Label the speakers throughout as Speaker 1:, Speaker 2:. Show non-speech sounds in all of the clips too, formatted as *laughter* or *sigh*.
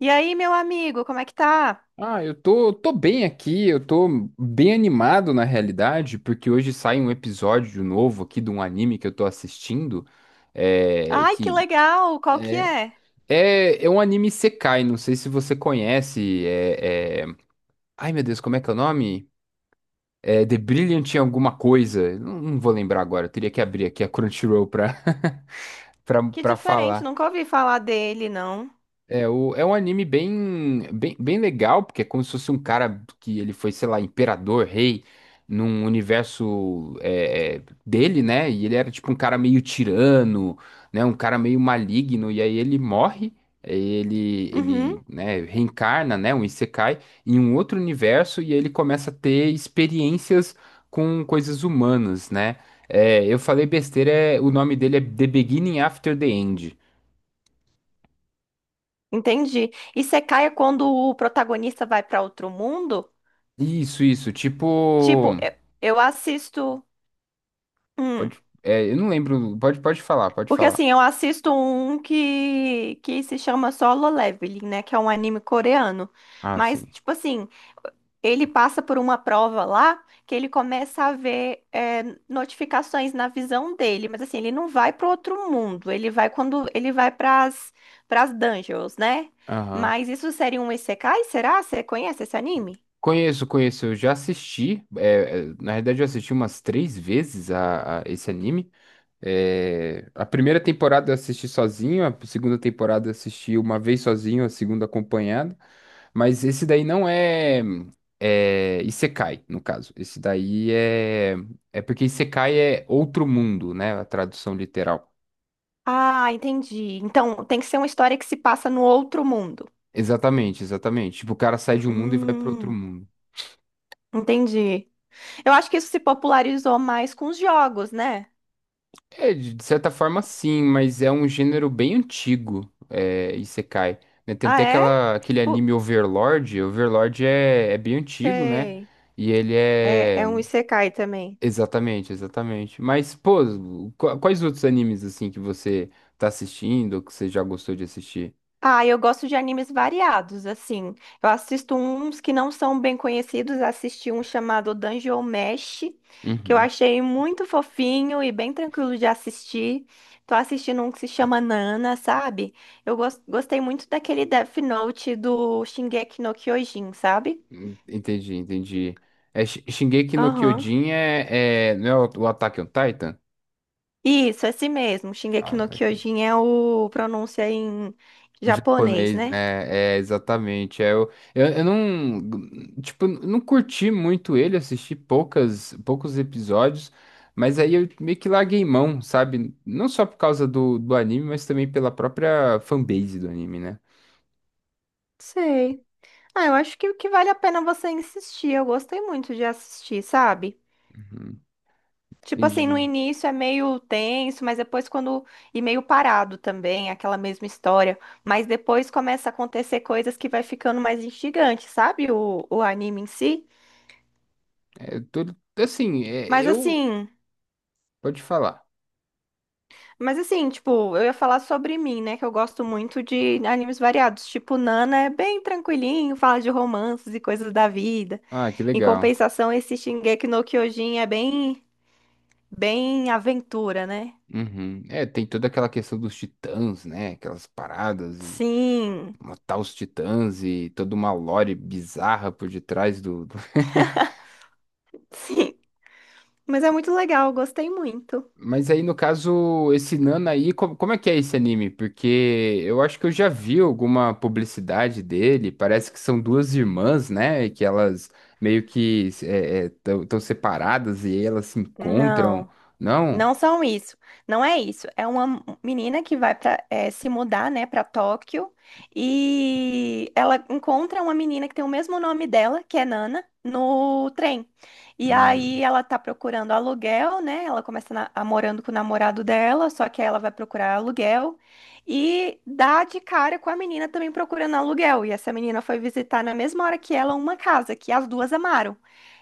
Speaker 1: E aí, meu amigo, como é que tá?
Speaker 2: Ah, eu tô bem aqui, eu tô bem animado na realidade, porque hoje sai um episódio novo aqui de um anime que eu tô assistindo, é,
Speaker 1: Ai, que
Speaker 2: que
Speaker 1: legal! Qual que é?
Speaker 2: é um anime Sekai, não sei se você conhece, Ai meu Deus, como é que é o nome? É The Brilliant em alguma coisa, não vou lembrar agora, eu teria que abrir aqui a Crunchyroll pra, *laughs*
Speaker 1: Que
Speaker 2: pra
Speaker 1: diferente,
Speaker 2: falar.
Speaker 1: nunca ouvi falar dele, não.
Speaker 2: É um anime bem legal, porque é como se fosse um cara que ele foi, sei lá, imperador, rei, num universo dele, né? E ele era tipo um cara meio tirano, né? Um cara meio maligno, e aí ele morre, aí ele,
Speaker 1: Uhum,
Speaker 2: ele, né, reencarna, né? Um Isekai, em um outro universo, e aí ele começa a ter experiências com coisas humanas, né? É, eu falei besteira, é, o nome dele é The Beginning After the End.
Speaker 1: entendi. E Secaia quando o protagonista vai pra outro mundo?
Speaker 2: Isso,
Speaker 1: Tipo,
Speaker 2: tipo.
Speaker 1: eu assisto. Hum,
Speaker 2: Pode, é, eu não lembro. Pode, pode
Speaker 1: porque
Speaker 2: falar.
Speaker 1: assim, eu assisto um que se chama Solo Leveling, né? Que é um anime coreano.
Speaker 2: Ah,
Speaker 1: Mas,
Speaker 2: sim.
Speaker 1: tipo assim, ele passa por uma prova lá que ele começa a ver notificações na visão dele, mas assim, ele não vai para outro mundo, ele vai quando ele vai para as dungeons, né?
Speaker 2: Aham.
Speaker 1: Mas isso seria um isekai, será? Você conhece esse anime?
Speaker 2: Conheço, conheço. Eu já assisti. É, é, na verdade, eu assisti umas três vezes a esse anime. É, a primeira temporada eu assisti sozinho, a segunda temporada eu assisti uma vez sozinho, a segunda acompanhado. Mas esse daí não é Isekai, no caso. Esse daí é. É porque Isekai é outro mundo, né? A tradução literal.
Speaker 1: Ah, entendi. Então, tem que ser uma história que se passa no outro mundo.
Speaker 2: Exatamente, exatamente. Tipo, o cara sai de um mundo e vai para outro
Speaker 1: Hum,
Speaker 2: mundo.
Speaker 1: entendi. Eu acho que isso se popularizou mais com os jogos, né?
Speaker 2: É, de certa forma sim, mas é um gênero bem antigo, é, Isekai. Né? Tem
Speaker 1: Ah,
Speaker 2: até
Speaker 1: é?
Speaker 2: aquela, aquele
Speaker 1: Pu-
Speaker 2: anime Overlord, Overlord é, é bem antigo, né?
Speaker 1: Sei.
Speaker 2: E ele
Speaker 1: É,
Speaker 2: é...
Speaker 1: é um isekai também.
Speaker 2: Exatamente, exatamente. Mas, pô, quais outros animes, assim, que você tá assistindo, ou que você já gostou de assistir?
Speaker 1: Ah, eu gosto de animes variados, assim. Eu assisto uns que não são bem conhecidos, assisti um chamado Dungeon Mesh, que eu
Speaker 2: Uhum.
Speaker 1: achei muito fofinho e bem tranquilo de assistir. Tô assistindo um que se chama Nana, sabe? Gostei muito daquele Death Note do Shingeki no Kyojin, sabe?
Speaker 2: Entendi, entendi. É, Shingeki no
Speaker 1: Aham.
Speaker 2: Kyojin é, é... Não é o Attack on Titan?
Speaker 1: Isso, esse mesmo. Shingeki
Speaker 2: Ah,
Speaker 1: no
Speaker 2: tá aqui.
Speaker 1: Kyojin é o pronúncia em japonês,
Speaker 2: Japonês,
Speaker 1: né?
Speaker 2: né? É, exatamente. É, eu não, tipo, não curti muito ele, assisti poucas, poucos episódios, mas aí eu meio que larguei mão, sabe? Não só por causa do anime, mas também pela própria fanbase do anime, né?
Speaker 1: Sei. Ah, eu acho que o que vale a pena é você insistir. Eu gostei muito de assistir, sabe?
Speaker 2: Uhum,
Speaker 1: Tipo assim, no
Speaker 2: entendi.
Speaker 1: início é meio tenso, mas depois quando. E meio parado também, aquela mesma história. Mas depois começa a acontecer coisas que vai ficando mais instigante, sabe? O anime em si.
Speaker 2: É, eu tô, assim, é,
Speaker 1: Mas
Speaker 2: eu...
Speaker 1: assim.
Speaker 2: Pode falar.
Speaker 1: Mas assim, tipo, eu ia falar sobre mim, né? Que eu gosto muito de animes variados. Tipo, Nana é bem tranquilinho, fala de romances e coisas da vida.
Speaker 2: Ah, que
Speaker 1: Em
Speaker 2: legal.
Speaker 1: compensação, esse Shingeki no Kyojin é bem. Bem aventura, né?
Speaker 2: Uhum. É, tem toda aquela questão dos titãs, né? Aquelas paradas e...
Speaker 1: Sim,
Speaker 2: matar os titãs e toda uma lore bizarra por detrás do. *laughs*
Speaker 1: sim. Mas é muito legal, gostei muito.
Speaker 2: Mas aí, no caso, esse Nana aí, como, é que é esse anime? Porque eu acho que eu já vi alguma publicidade dele. Parece que são duas irmãs, né? E que elas meio que estão separadas e elas se encontram.
Speaker 1: Não.
Speaker 2: Não?
Speaker 1: Não são isso, não é isso. É uma menina que vai para se mudar, né, para Tóquio e ela encontra uma menina que tem o mesmo nome dela, que é Nana, no trem. E
Speaker 2: Hum,
Speaker 1: aí ela tá procurando aluguel, né? Ela começa a morando com o namorado dela, só que aí ela vai procurar aluguel e dá de cara com a menina também procurando aluguel. E essa menina foi visitar na mesma hora que ela uma casa que as duas amaram.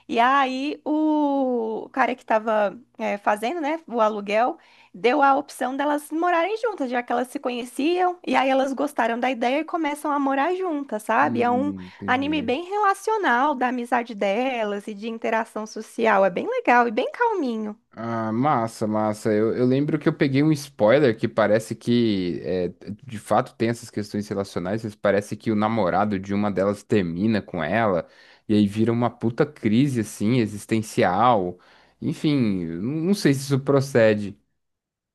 Speaker 1: E aí o cara que tava fazendo, né, o aluguel, deu a opção delas morarem juntas, já que elas se conheciam, e aí elas gostaram da ideia e começam a morar juntas, sabe? É um anime
Speaker 2: entendi.
Speaker 1: bem relacional da amizade delas e de interação social, é bem legal e bem calminho.
Speaker 2: Ah, massa, massa. Eu lembro que eu peguei um spoiler que parece que, é, de fato, tem essas questões relacionais, mas parece que o namorado de uma delas termina com ela, e aí vira uma puta crise, assim, existencial. Enfim, eu não sei se isso procede.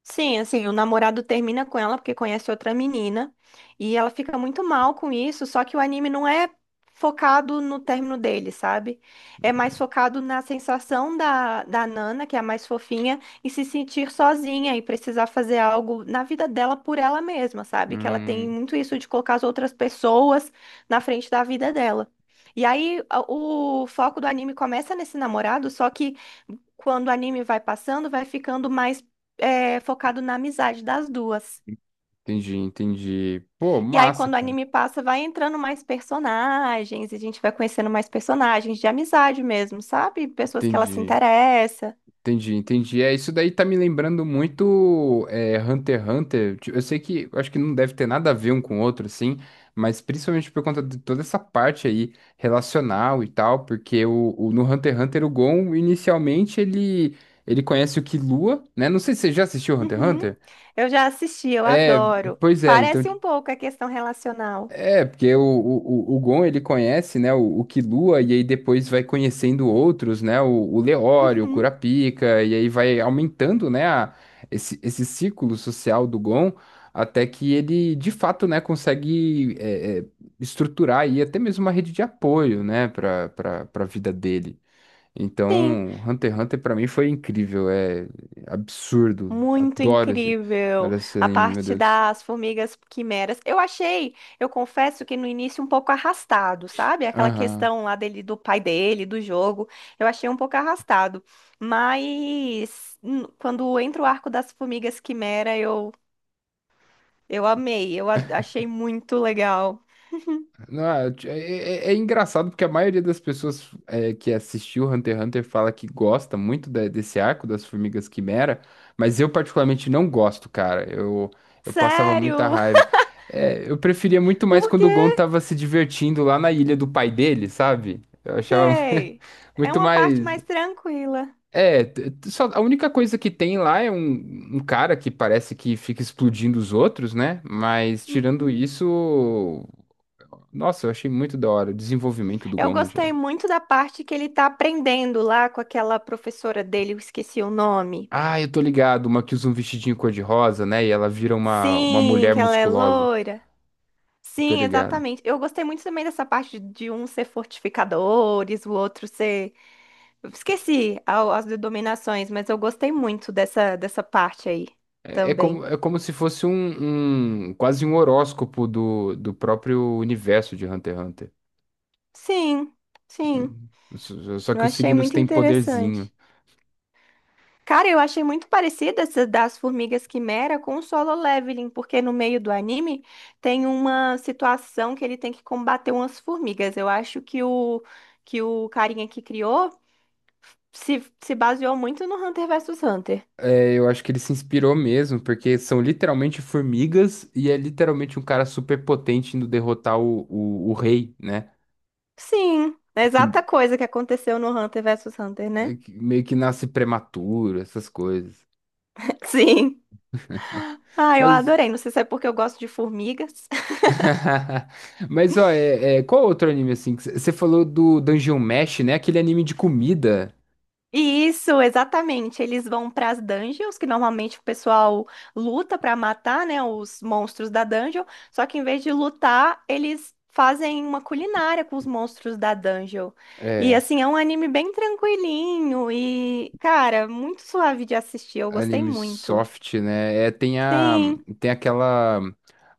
Speaker 1: Sim, assim, o namorado termina com ela porque conhece outra menina e ela fica muito mal com isso, só que o anime não é focado no término dele, sabe? É mais focado na sensação da Nana, que é a mais fofinha, e se sentir sozinha e precisar fazer algo na vida dela por ela mesma, sabe? Que ela tem
Speaker 2: Hum,
Speaker 1: muito isso de colocar as outras pessoas na frente da vida dela. E aí o foco do anime começa nesse namorado, só que quando o anime vai passando, vai ficando mais focado na amizade das duas.
Speaker 2: entendi, entendi. Pô,
Speaker 1: E aí,
Speaker 2: massa,
Speaker 1: quando o
Speaker 2: cara.
Speaker 1: anime passa, vai entrando mais personagens, e a gente vai conhecendo mais personagens de amizade mesmo, sabe? Pessoas que ela se
Speaker 2: Entendi.
Speaker 1: interessa.
Speaker 2: Entendi, entendi. É, isso daí tá me lembrando muito é, Hunter x Hunter. Tipo, eu sei que eu acho que não deve ter nada a ver um com o outro, assim, mas principalmente por conta de toda essa parte aí relacional e tal, porque no Hunter x Hunter o Gon inicialmente ele conhece o Killua, né? Não sei se você já assistiu Hunter x
Speaker 1: Uhum.
Speaker 2: Hunter.
Speaker 1: Eu já assisti, eu
Speaker 2: É,
Speaker 1: adoro.
Speaker 2: pois é, então
Speaker 1: Parece um pouco a questão relacional.
Speaker 2: é, porque o Gon ele conhece, né, o Killua, e aí depois vai conhecendo outros, né, o Leório, o
Speaker 1: Uhum.
Speaker 2: Kurapika, e aí vai aumentando, né, esse círculo social do Gon, até que ele, de fato, né, consegue estruturar aí até mesmo uma rede de apoio, né, para a vida dele.
Speaker 1: Sim.
Speaker 2: Então, Hunter x Hunter pra mim foi incrível, é absurdo,
Speaker 1: Muito
Speaker 2: adoro
Speaker 1: incrível.
Speaker 2: esse
Speaker 1: A
Speaker 2: anime, meu
Speaker 1: parte
Speaker 2: Deus.
Speaker 1: das formigas quimeras. Eu achei, eu confesso que no início um pouco arrastado, sabe? Aquela
Speaker 2: Aham.
Speaker 1: questão lá dele, do pai dele, do jogo. Eu achei um pouco arrastado. Quando entra o arco das formigas quimera, eu amei. Achei muito legal.
Speaker 2: Não, é engraçado porque a maioria das pessoas é, que assistiu Hunter x Hunter fala que gosta muito desse arco das Formigas Quimera, mas eu particularmente não gosto, cara. Eu passava muita
Speaker 1: Sério?
Speaker 2: raiva. É, eu preferia muito
Speaker 1: *laughs*
Speaker 2: mais
Speaker 1: Por
Speaker 2: quando o Gon
Speaker 1: quê?
Speaker 2: tava se divertindo lá na ilha do pai dele, sabe? Eu achava
Speaker 1: Sei.
Speaker 2: *laughs*
Speaker 1: É
Speaker 2: muito
Speaker 1: uma parte
Speaker 2: mais.
Speaker 1: mais tranquila.
Speaker 2: É, só, a única coisa que tem lá é um, um cara que parece que fica explodindo os outros, né? Mas tirando
Speaker 1: Uhum.
Speaker 2: isso. Nossa, eu achei muito da hora. O desenvolvimento do
Speaker 1: Eu
Speaker 2: Gon no
Speaker 1: gostei
Speaker 2: geral.
Speaker 1: muito da parte que ele tá aprendendo lá com aquela professora dele, eu esqueci o nome.
Speaker 2: Ah, eu tô ligado. Uma que usa um vestidinho cor-de-rosa, né? E ela vira uma
Speaker 1: Sim,
Speaker 2: mulher
Speaker 1: que ela é
Speaker 2: musculosa.
Speaker 1: loira.
Speaker 2: Tô
Speaker 1: Sim,
Speaker 2: ligado.
Speaker 1: exatamente. Eu gostei muito também dessa parte de um ser fortificadores, o outro ser. As denominações, mas eu gostei muito dessa parte aí também.
Speaker 2: É como se fosse um, quase um horóscopo do próprio universo de Hunter x Hunter.
Speaker 1: Sim, sim.
Speaker 2: Hum, só
Speaker 1: Eu
Speaker 2: que os
Speaker 1: achei
Speaker 2: signos
Speaker 1: muito
Speaker 2: têm poderzinho.
Speaker 1: interessante. Cara, eu achei muito parecida essa das Formigas Quimera com o Solo Leveling, porque no meio do anime tem uma situação que ele tem que combater umas formigas. Eu acho que que o carinha que criou se baseou muito no Hunter vs Hunter.
Speaker 2: É, eu acho que ele se inspirou mesmo, porque são literalmente formigas e é literalmente um cara super potente indo derrotar o rei, né?
Speaker 1: Sim, é a
Speaker 2: Que
Speaker 1: exata coisa que aconteceu no Hunter vs Hunter,
Speaker 2: é
Speaker 1: né?
Speaker 2: que meio que nasce prematuro, essas coisas.
Speaker 1: *laughs* Sim. Ah, eu
Speaker 2: Mas,
Speaker 1: adorei. Não sei se é porque eu gosto de formigas.
Speaker 2: *laughs* mas ó, qual outro anime assim? Você falou do Dungeon Mesh, né? Aquele anime de comida.
Speaker 1: Isso, exatamente. Eles vão para as dungeons, que normalmente o pessoal luta para matar, né, os monstros da dungeon. Só que em vez de lutar, eles fazem uma culinária com os monstros da dungeon. E
Speaker 2: É,
Speaker 1: assim, é um anime bem tranquilinho e, cara, muito suave de assistir. Eu gostei
Speaker 2: anime
Speaker 1: muito.
Speaker 2: soft, né? É, tem a,
Speaker 1: Sim.
Speaker 2: tem aquela,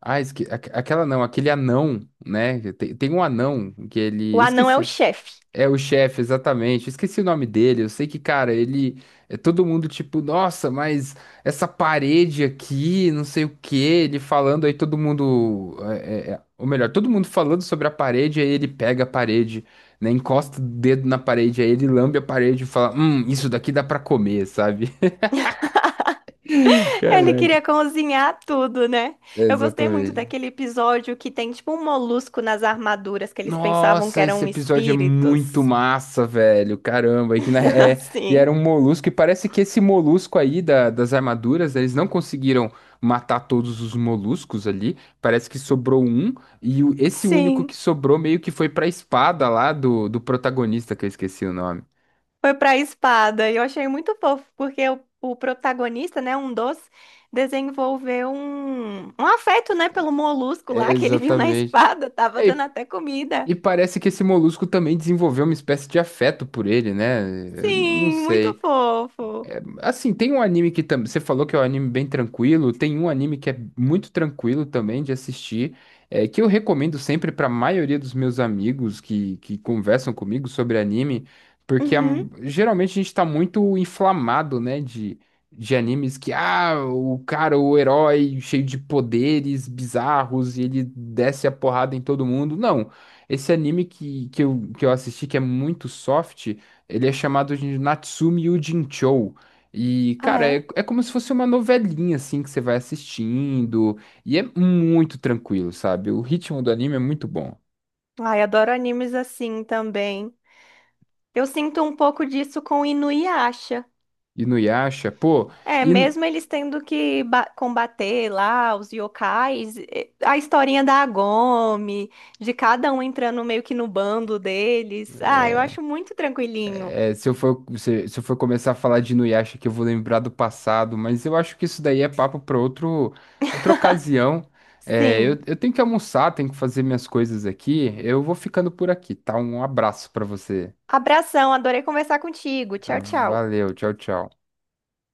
Speaker 2: ah, esque, aquela não, aquele anão, né? Tem um anão que
Speaker 1: O
Speaker 2: ele,
Speaker 1: anão é o
Speaker 2: esqueci.
Speaker 1: chefe.
Speaker 2: É o chefe, exatamente. Eu esqueci o nome dele. Eu sei que, cara, ele é todo mundo tipo, nossa, mas essa parede aqui, não sei o quê. Ele falando, aí todo mundo, ou melhor, todo mundo falando sobre a parede, aí ele pega a parede, né, encosta o dedo na parede, aí ele lambe a parede e fala, isso daqui dá pra comer, sabe? *laughs*
Speaker 1: *laughs* Ele
Speaker 2: Caraca.
Speaker 1: queria cozinhar tudo, né?
Speaker 2: É,
Speaker 1: Eu gostei muito
Speaker 2: exatamente.
Speaker 1: daquele episódio que tem tipo um molusco nas armaduras que eles pensavam que
Speaker 2: Nossa, esse
Speaker 1: eram
Speaker 2: episódio é muito
Speaker 1: espíritos.
Speaker 2: massa, velho. Caramba, e,
Speaker 1: *laughs*
Speaker 2: e era
Speaker 1: Sim,
Speaker 2: um molusco, e parece que esse molusco aí das armaduras, eles não conseguiram matar todos os moluscos ali. Parece que sobrou um, e esse único que
Speaker 1: sim.
Speaker 2: sobrou meio que foi pra espada lá do protagonista, que eu esqueci o nome.
Speaker 1: Foi pra espada. E eu achei muito fofo, porque o protagonista, né, desenvolveu um afeto, né, pelo molusco
Speaker 2: É,
Speaker 1: lá que ele viu na
Speaker 2: exatamente.
Speaker 1: espada. Tava
Speaker 2: É,
Speaker 1: dando até comida.
Speaker 2: e parece que esse molusco também desenvolveu uma espécie de afeto por ele, né? Eu não
Speaker 1: Sim, muito
Speaker 2: sei.
Speaker 1: fofo.
Speaker 2: Assim, tem um anime que também. Você falou que é um anime bem tranquilo. Tem um anime que é muito tranquilo também de assistir. É, que eu recomendo sempre para a maioria dos meus amigos que conversam comigo sobre anime. Porque
Speaker 1: Uhum.
Speaker 2: geralmente a gente tá muito inflamado, né? De animes que, ah, o cara, o herói cheio de poderes bizarros e ele desce a porrada em todo mundo. Não. Esse anime que eu assisti, que é muito soft, ele é chamado de Natsume Yuujinchou. E,
Speaker 1: Ah,
Speaker 2: cara, é,
Speaker 1: é?
Speaker 2: é como se fosse uma novelinha, assim, que você vai assistindo. E é muito tranquilo, sabe? O ritmo do anime é muito bom.
Speaker 1: Ai, adoro animes assim também. Eu sinto um pouco disso com Inuyasha.
Speaker 2: E no Yasha, pô,
Speaker 1: É,
Speaker 2: e,
Speaker 1: mesmo eles tendo que combater lá os yokais, a historinha da Agome, de cada um entrando meio que no bando deles. Ah, eu acho muito tranquilinho.
Speaker 2: é, se, se eu for começar a falar de Inuyasha que eu vou lembrar do passado, mas eu acho que isso daí é papo para outro, outra ocasião. É,
Speaker 1: Sim.
Speaker 2: eu tenho que almoçar, tenho que fazer minhas coisas aqui. Eu vou ficando por aqui, tá? Um abraço para você.
Speaker 1: Abração, adorei conversar contigo. Tchau, tchau.
Speaker 2: Valeu, tchau, tchau.